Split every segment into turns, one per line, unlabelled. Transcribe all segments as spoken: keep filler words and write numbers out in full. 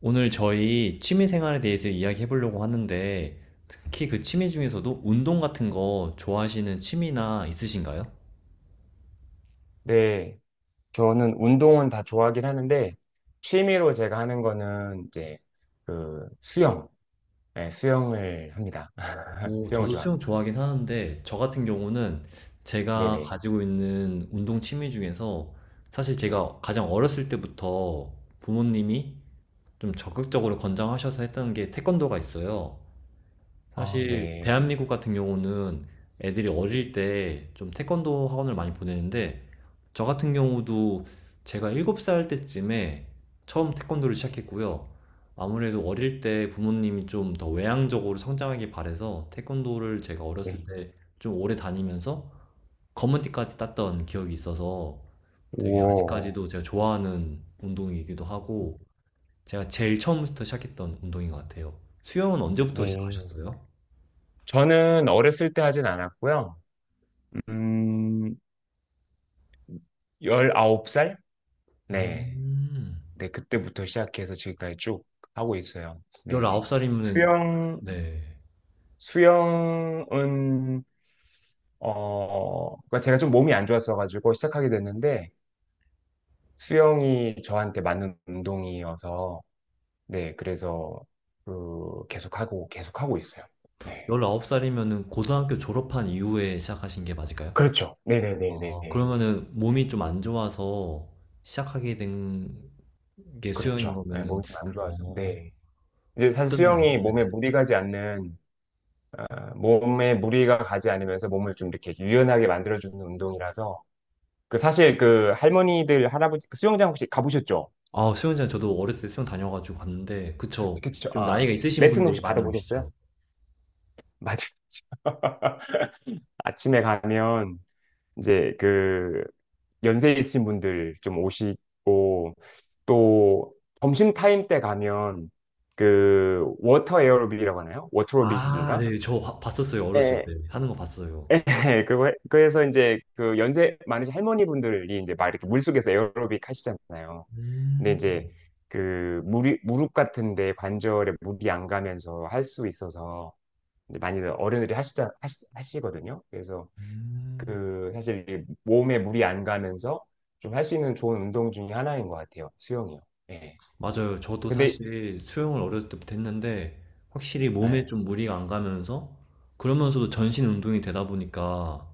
오늘 저희 취미 생활에 대해서 이야기해 보려고 하는데, 특히 그 취미 중에서도 운동 같은 거 좋아하시는 취미나 있으신가요?
네, 저는 운동은 다 좋아하긴 하는데, 취미로 제가 하는 거는 이제 그 수영, 네, 수영을 합니다.
오,
수영을
저도 수영
좋아합니다.
좋아하긴 하는데, 저 같은 경우는 제가
네네.
가지고 있는 운동 취미 중에서 사실 제가 가장 어렸을 때부터 부모님이 좀 적극적으로 권장하셔서 했던 게 태권도가 있어요.
아,
사실
네.
대한민국 같은 경우는 애들이 어릴 때 좀 태권도 학원을 많이 보내는데 저 같은 경우도 제가 일곱 살 때쯤에 처음 태권도를 시작했고요. 아무래도 어릴 때 부모님이 좀 더 외향적으로 성장하길 바래서 태권도를 제가 어렸을
네.
때 좀 오래 다니면서 검은띠까지 땄던 기억이 있어서 되게
오,
아직까지도 제가 좋아하는 운동이기도 하고 제가 제일 처음부터 시작했던 운동인 것 같아요. 수영은 언제부터
네.
시작하셨어요?
저는 어렸을 때 하진 않았고요. 음, 열아홉 살? 네.
음.
네, 그때부터 시작해서 지금까지 쭉 하고 있어요.
열
네.
열아홉 살이면은
수영,
네.
수영은 어, 그러니까 제가 좀 몸이 안 좋았어가지고 시작하게 됐는데 수영이 저한테 맞는 운동이어서 네, 그래서 그 계속하고 계속하고 있어요.
아
네.
홉 살이면은 고등학교 졸업한 이후에 시작하신 게 맞을까요?
그렇죠.
아,
네네네네.
그러면은 몸이 좀 안 좋아서 시작하게 된 게 수영인
그렇죠. 네,
거면은
몸이 좀 안 좋아서.
어,
네. 이제 사실
어땠나요?
수영이 몸에 무리가 가지 않는 아, 몸에 무리가 가지 않으면서 몸을 좀 이렇게 유연하게 만들어주는 운동이라서 그 사실 그 할머니들 할아버지 그 수영장 혹시 가보셨죠?
아, 수영장 저도 어렸을 때 수영 다녀가지고 갔는데
그,
그쵸.
그쵸.
좀
아
나이가 있으신
레슨
분들이
혹시
많이
받아보셨어요?
오시죠.
맞아요. 아침에 가면 이제 그 연세 있으신 분들 좀 오시고 또 점심 타임 때 가면 그 워터 에어로빅이라고 하나요?
아,
워터로빅인가?
네. 저 화- 봤었어요. 어렸을 때
예.
하는 거 봤어요.
네, 그거 해- 그래서 이제 그 연세 많으신 할머니분들이 이제 막 이렇게 물속에서 에어로빅 하시잖아요. 근데
음.
이제 그 무리, 무릎 같은데 관절에 물이 안 가면서 할 수 있어서 이제 많이들 어른들이 하시자 하시, 하시거든요. 그래서
음.
그 사실 이게 몸에 물이 안 가면서 좀 할 수 있는 좋은 운동 중에 하나인 것 같아요. 수영이요. 예.
맞아요. 저도
근데
사실 수영을 어렸을 때부터 했는데 확실히 몸에
예.
좀 무리가 안 가면서 그러면서도 전신 운동이 되다 보니까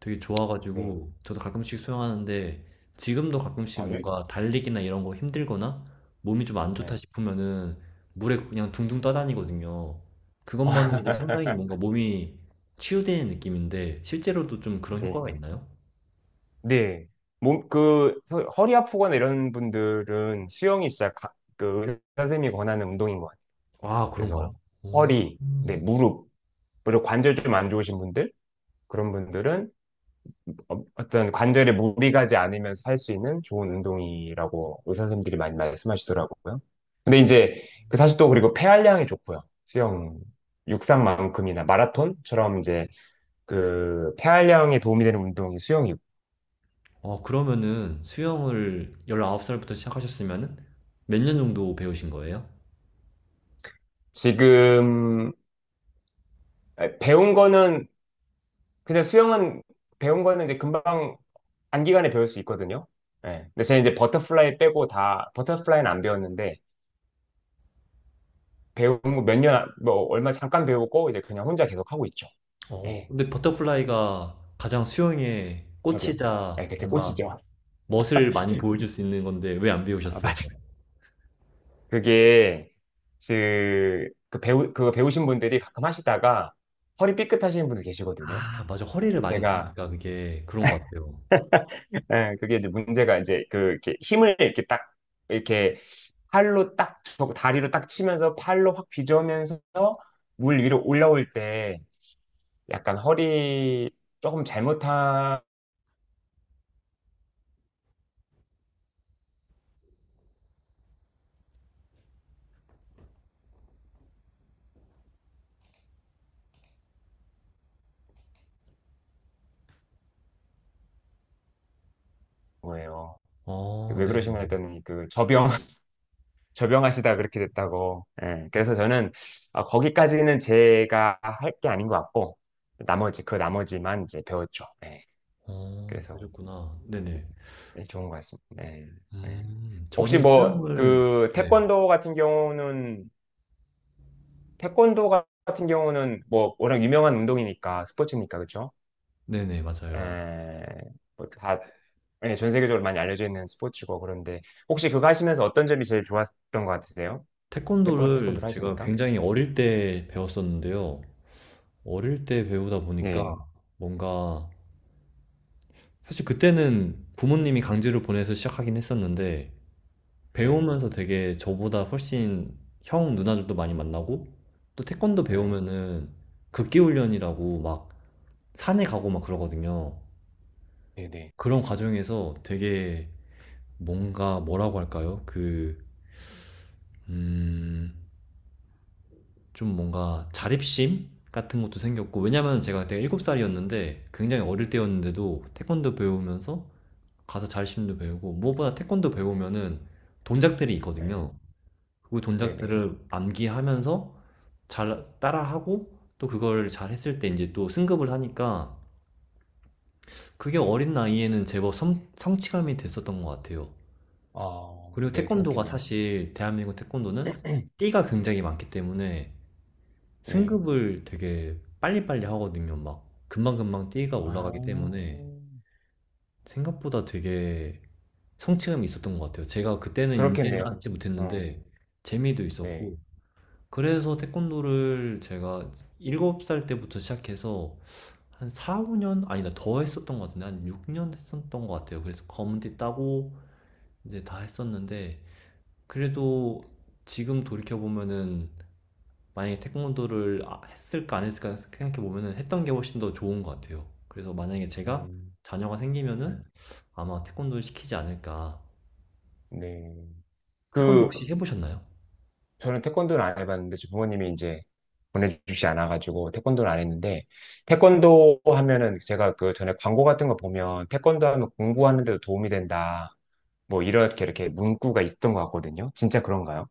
되게
네.
좋아가지고 저도 가끔씩 수영하는데 지금도 가끔씩
아, 유,
뭔가 달리기나 이런 거 힘들거나 몸이 좀 안 좋다
예.
싶으면은 물에 그냥 둥둥 떠다니거든요. 그것만으로도 상당히 뭔가 몸이 치유되는 느낌인데 실제로도 좀 그런
네.
효과가 있나요?
네. 몸, 그, 허- 허리 아프거나 이런 분들은 수영이 진짜 가- 그 의사 선생님이 권하는 운동인 것 같아요.
아,
그래서
그런가요? 오.
허리, 네, 무릎, 그리고 관절 좀 안 좋으신 분들, 그런 분들은 어- 어떤 관절에 무리 가지 않으면서 할 수 있는 좋은 운동이라고 의사 선생님들이 많이 말씀하시더라고요. 근데 이제 그 사실 또 그리고 폐활량이 좋고요. 수영, 육상만큼이나 마라톤처럼 이제 그 폐활량에 도움이 되는 운동이 수영이고
어, 그러면은 수영을 열아홉 살부터 시작하셨으면은 몇 년 정도 배우신 거예요?
지금 배운 거는 그냥 수영은 배운 거는 이제 금방 단기간에 배울 수 있거든요. 예. 근데 제가 이제 버터플라이 빼고 다 버터플라이는 안 배웠는데 배운 거몇 년, 뭐 얼마 잠깐 배우고 이제 그냥 혼자 계속 하고 있죠.
어,
예,
근데 버터플라이가 가장 수영의
저병
꽃이자
예, 그때
뭔가
꼴찌죠.
멋을 많이 보여줄 수 있는 건데 왜 안
아,
배우셨어요?
맞아. 그게 그, 그 배우 그거 배우신 분들이 가끔 하시다가 허리 삐끗하시는 분들 계시거든요.
아, 맞아. 허리를
예,
많이
제가
쓰니까 그게 그런 것 같아요.
예, 그게 이제 문제가 이제 그 이렇게 힘을 이렇게 딱 이렇게 팔로 딱 저- 다리로 딱 치면서 팔로 확 비조면서 물 위로 올라올 때 약간 허리 조금 잘못한 거예요. 그
어,
왜
네네.
그러시면 했더니 그 저병 저병하시다 그렇게 됐다고. 예. 그래서 저는 아, 거기까지는 제가 할 게 아닌 것 같고 나머지 그 나머지만 이제 배웠죠. 예.
어,
그래서
그러셨구나. 네네.
예, 좋은 것 같습니다. 예. 예.
음,
혹시
저는
뭐
수영을,
그
네.
태권도 같은 경우는 태권도 같은 경우는 뭐 워낙 유명한 운동이니까 스포츠니까 그렇죠?
네네, 맞아요.
예. 뭐다 예, 전 세계적으로 많이 알려져 있는 스포츠고 그런데 혹시 그거 하시면서 어떤 점이 제일 좋았던 것 같으세요? 태권,
태권도를
태권도를
제가
하시니까.
굉장히 어릴 때 배웠었는데요. 어릴 때 배우다 보니까
네.
뭔가 사실 그때는 부모님이 강제로 보내서 시작하긴 했었는데
네,
배우면서 되게 저보다 훨씬 형 누나들도 많이 만나고 또 태권도
네,
배우면은 극기훈련이라고 막 산에 가고 막 그러거든요.
네, 네,
그런 과정에서 되게 뭔가 뭐라고 할까요? 그, 음, 좀 뭔가 자립심 같은 것도 생겼고 왜냐면 제가 그때 일곱 살이었는데 굉장히 어릴 때였는데도 태권도 배우면서 가서 자립심도 배우고 무엇보다 태권도 배우면은 동작들이
네,
있거든요. 그
네, 네.
동작들을 암기하면서 잘 따라하고 또 그걸 잘 했을 때 이제 또 승급을 하니까 그게 어린 나이에는 제법 성, 성취감이 됐었던 것 같아요.
아,
그리고
네,
태권도가
그렇겠네요.
사실 대한민국 태권도는 띠가 굉장히 많기 때문에
네.
승급을 되게 빨리빨리 하거든요. 막 금방금방 띠가
아,
올라가기 때문에 생각보다 되게 성취감이 있었던 것 같아요. 제가 그때는 인지를
그렇겠네요.
하지
어,
못했는데 재미도
네.
있었고 그래서 태권도를 제가 일곱 살 때부터 시작해서 한 사, 오 년 아니다 더 했었던 것 같은데 한 육 년 했었던 것 같아요. 그래서 검은띠 따고 이제 다 했었는데 그래도 지금 돌이켜 보면은 만약에 태권도를 아- 했을까 안 했을까 생각해 보면은 했던 게 훨씬 더 좋은 것 같아요. 그래서 만약에 제가
음,
자녀가
네.
생기면은 아마 태권도를 시키지 않을까.
네.
태권도
그,
혹시 해보셨나요?
저는 태권도를 안 해봤는데, 제 부모님이 이제 보내주시지 않아가지고, 태권도를 안 했는데, 태권도 하면은 제가 그 전에 광고 같은 거 보면, 태권도 하면 공부하는 데도 도움이 된다. 뭐, 이렇게 이렇게 문구가 있던 것 같거든요. 진짜 그런가요?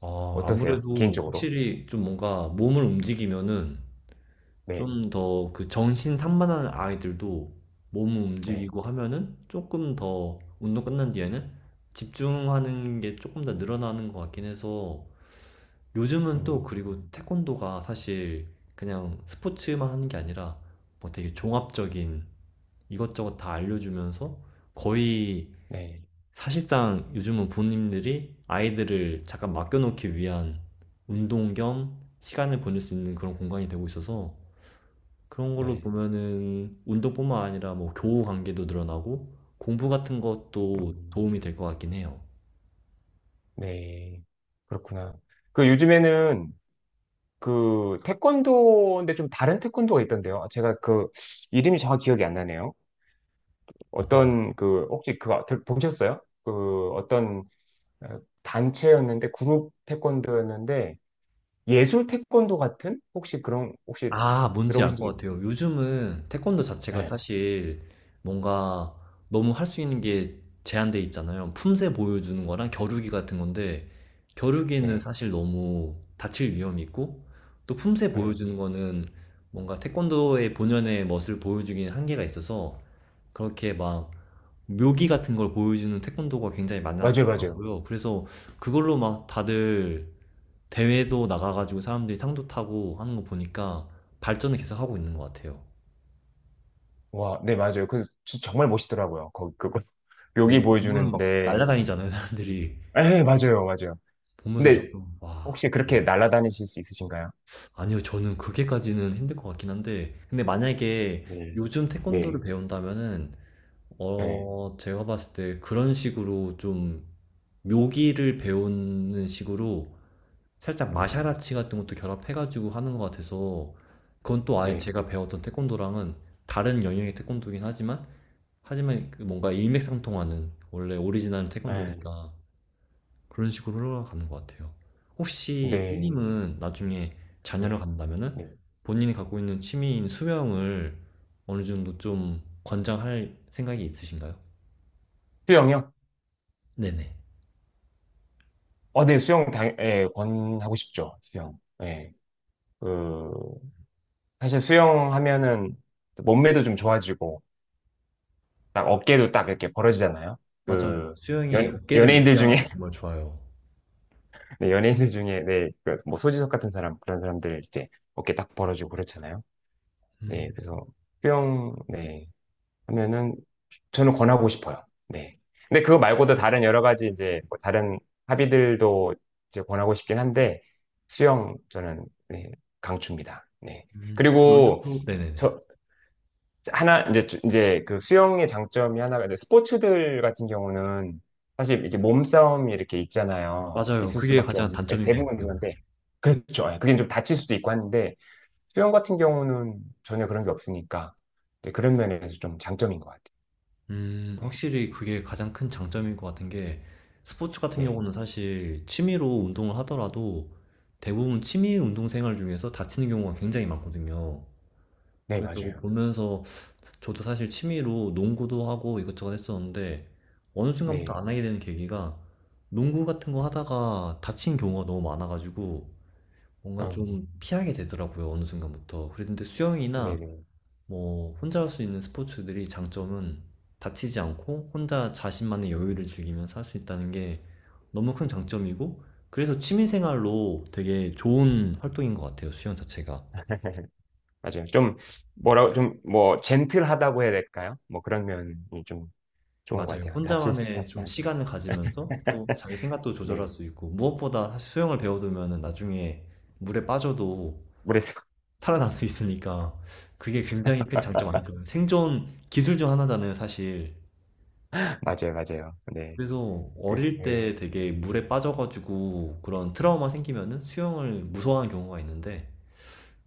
아,
어떠세요?
아무래도
개인적으로?
확실히 좀 뭔가 몸을 움직이면은
네,
좀 더 그 정신 산만한 아이들도 몸을
네,
움직이고 하면은 조금 더 운동 끝난 뒤에는 집중하는 게 조금 더 늘어나는 것 같긴 해서 요즘은 또
음,
그리고 태권도가 사실 그냥 스포츠만 하는 게 아니라 뭐 되게 종합적인 이것저것 다 알려주면서 거의
네,
사실상 요즘은 부모님들이 아이들을 잠깐 맡겨놓기 위한 운동 겸 시간을 보낼 수 있는 그런 공간이 되고 있어서 그런 걸로
네,
보면은 운동뿐만 아니라 뭐 교우 관계도 늘어나고 공부 같은 것도
음,
도움이 될 것 같긴 해요.
네, 그렇구나. 그 요즘에는 그 태권도인데 좀 다른 태권도가 있던데요. 아, 제가 그 이름이 정확히 기억이 안 나네요.
어떤가요?
어떤 그 혹시 그거 들- 보셨어요? 그 어떤 어, 단체였는데 그룹 태권도였는데 예술 태권도 같은 혹시 그런 혹시
아, 뭔지
들어보신
알
적
것
있...
같아요. 요즘은 태권도 자체가
네,
사실 뭔가 너무 할 수 있는 게 제한돼 있잖아요. 품새 보여주는 거랑 겨루기 같은 건데, 겨루기는
네,
사실 너무 다칠 위험이 있고, 또 품새
네,
보여주는 거는 뭔가 태권도의 본연의 멋을 보여주기는 한계가 있어서, 그렇게 막 묘기 같은 걸 보여주는 태권도가 굉장히
맞아요, 맞아요.
많아졌더라고요. 그래서 그걸로 막 다들 대회도 나가가지고 사람들이 상도 타고 하는 거 보니까 발전을 계속 하고 있는 것 같아요.
와, 네, 맞아요. 그 진짜 정말 멋있더라고요. 거기 그거
네,
여기
그 부분은 막
보여주는데,
날라다니잖아요, 사람들이.
에, 맞아요, 맞아요.
보면서
근데
저도 와.
혹시 그렇게 날아다니실 수 있으신가요?
아니요, 저는 그렇게까지는 힘들 것 같긴 한데, 근데 만약에
네,
요즘 태권도를
네,
배운다면은,
네,
어, 제가 봤을 때 그런 식으로 좀 묘기를 배우는 식으로 살짝
음,
마샤라치 같은 것도 결합해가지고 하는 것 같아서, 그건 또 아예
네,
제가 배웠던 태권도랑은 다른 영역의 태권도긴 하지만, 하지만 그 뭔가 일맥상통하는 원래 오리지널
에,
태권도니까 그런 식으로 흘러가는 것 같아요. 혹시
네,
삐님은 나중에 자녀를
네,
갖는다면은
네.
본인이 갖고 있는 취미인 수영을 어느 정도 좀 권장할 생각이 있으신가요?
수영이요?
네네.
어, 네, 수영 당, 예, 권하고 싶죠. 수영. 예. 그 사실 수영하면은 몸매도 좀 좋아지고, 딱 어깨도 딱 이렇게 벌어지잖아요.
맞아요.
그
수영이
연,
어깨를
연예인들
높게
중에
하는데 정말 좋아요.
네, 연예인들 중에, 네, 그 뭐, 소지섭 같은 사람, 그런 사람들 이제 어깨 딱 벌어주고 그렇잖아요. 네,
음,
그래서, 수영 네, 하면은, 저는 권하고 싶어요. 네. 근데 그거 말고도 다른 여러 가지 이제, 뭐 다른 합의들도 이제 권하고 싶긴 한데, 수영, 저는, 네, 강추입니다. 네.
음, 그럼
그리고,
요즘도 네네네.
저, 하나 이제 주- 이제 그 수영의 장점이 하나가 이제 스포츠들 같은 경우는 사실 이렇게 몸싸움이 이렇게 있잖아요.
맞아요.
있을
그게
수밖에
가장
없는 예,
단점인 것
대부분
같아요.
그런데 그렇죠. 예, 그게 좀 다칠 수도 있고 하는데 수영 같은 경우는 전혀 그런 게 없으니까 네, 그런 면에서 좀 장점인 것 같아요.
음,
네,
확실히 그게 가장 큰 장점인 것 같은 게 스포츠 같은
네,
경우는 사실 취미로 운동을 하더라도 대부분 취미 운동 생활 중에서 다치는 경우가 굉장히 많거든요.
네
그래서 그거
맞아요.
보면서 저도 사실 취미로 농구도 하고 이것저것 했었는데 어느 순간부터
네,
안 하게 되는 계기가 농구 같은 거 하다가 다친 경우가 너무 많아가지고 뭔가
음,
좀 피하게 되더라고요. 어느 순간부터. 그랬는데 수영이나
네, 네.
뭐 혼자 할 수 있는 스포츠들이 장점은 다치지 않고 혼자 자신만의 여유를 즐기면서 할 수 있다는 게 너무 큰 장점이고 그래서 취미생활로 되게
네,
좋은 활동인 것 같아요, 수영 자체가.
맞아요. 좀 뭐라고 좀 뭐 젠틀하다고 해야 될까요? 뭐 그런 면이 좀 좋은 것
맞아요.
같아요. 다칠 수
혼자만의
다치지
좀
않는.
시간을 가지면서 또 자기 생각도
네,
조절할 수 있고 무엇보다 사실 수영을 배워두면 나중에 물에 빠져도
모르겠어요.
살아날 수 있으니까 그게 굉장히 큰 장점 아닐까요? 생존 기술 중 하나잖아요, 사실.
맞아요, 맞아요. 네.
그래서
그,
어릴 때 되게
음,
물에 빠져가지고 그런 트라우마 생기면은 수영을 무서워하는 경우가 있는데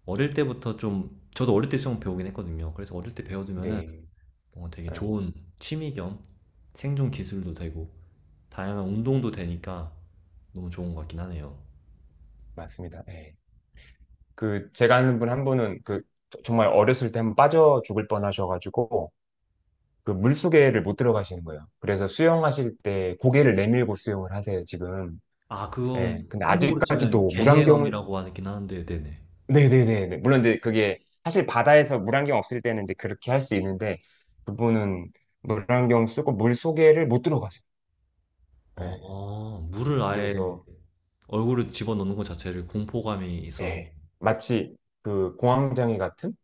어릴 때부터 좀 저도 어릴 때 수영 배우긴 했거든요. 그래서 어릴 때 배워두면은
네.
뭔가 되게
네,
좋은 취미 겸 생존 기술도 되고 다양한 운동도 되니까 너무 좋은 것 같긴 하네요.
맞습니다. 네. 그, 제가 아는 분 한 분은 그, 저- 정말 어렸을 때 한 번 빠져 죽을 뻔 하셔가지고, 그 물속에를 못 들어가시는 거예요. 그래서 수영하실 때 고개를 내밀고 수영을 하세요, 지금.
아, 그건
네. 근데
한국으로 치면
아직까지도 물안경을,
개헤엄이라고 하긴 하는데, 네네.
네네네. 물론 이제 그게, 사실 바다에서 물안경 없을 때는 이제 그렇게 할 수 있는데, 그분은 물안경 쓰고 물속에를 못 들어가세요. 네.
어, 물을 아예
그래서,
얼굴을 집어넣는 것 자체를 공포감이 있어서,
예, 마치 그 공황장애 같은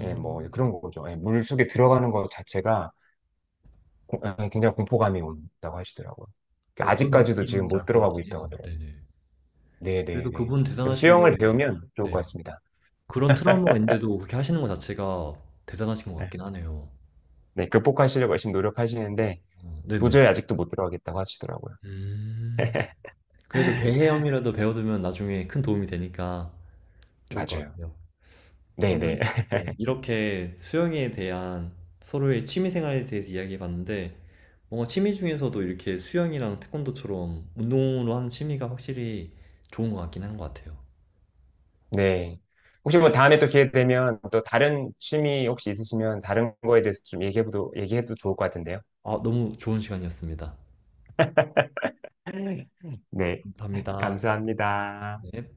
예, 뭐 그런 거죠. 예, 물 속에 들어가는 것 자체가 고- 예, 굉장히 공포감이 온다고 하시더라고요. 그
어떤
아직까지도 지금
느낌인지 알
못
것
들어가고
같긴
있다고
해요.
하더라고요.
네네.
네, 네,
그래도
네.
그분
그래서
대단하신 게,
수영을 배우면 좋을
네.
것 같습니다.
그런 트라우마가 있는데도 그렇게 하시는 것 자체가 대단하신 것
네,
같긴 하네요.
네, 극복하시려고 열심히 노력하시는데
어, 네네.
도저히 아직도 못 들어가겠다고 하시더라고요.
음, 그래도 개헤엄이라도 배워두면 나중에 큰 도움이 되니까 좋을 것
맞아요.
같아요.
네,
오늘
네,
네, 이렇게 수영에 대한 서로의 취미 생활에 대해서 이야기해 봤는데, 뭔가 취미 중에서도 이렇게 수영이랑 태권도처럼 운동으로 하는 취미가 확실히 좋은 것 같긴 한 것 같아요.
네. 혹시 뭐 다음에 또 기회 되면 또 다른 취미 혹시 있으시면 다른 거에 대해서 좀 얘기해도 얘기해도 좋을 것 같은데요.
아, 너무 좋은 시간이었습니다.
네,
감사합니다.
감사합니다.
네.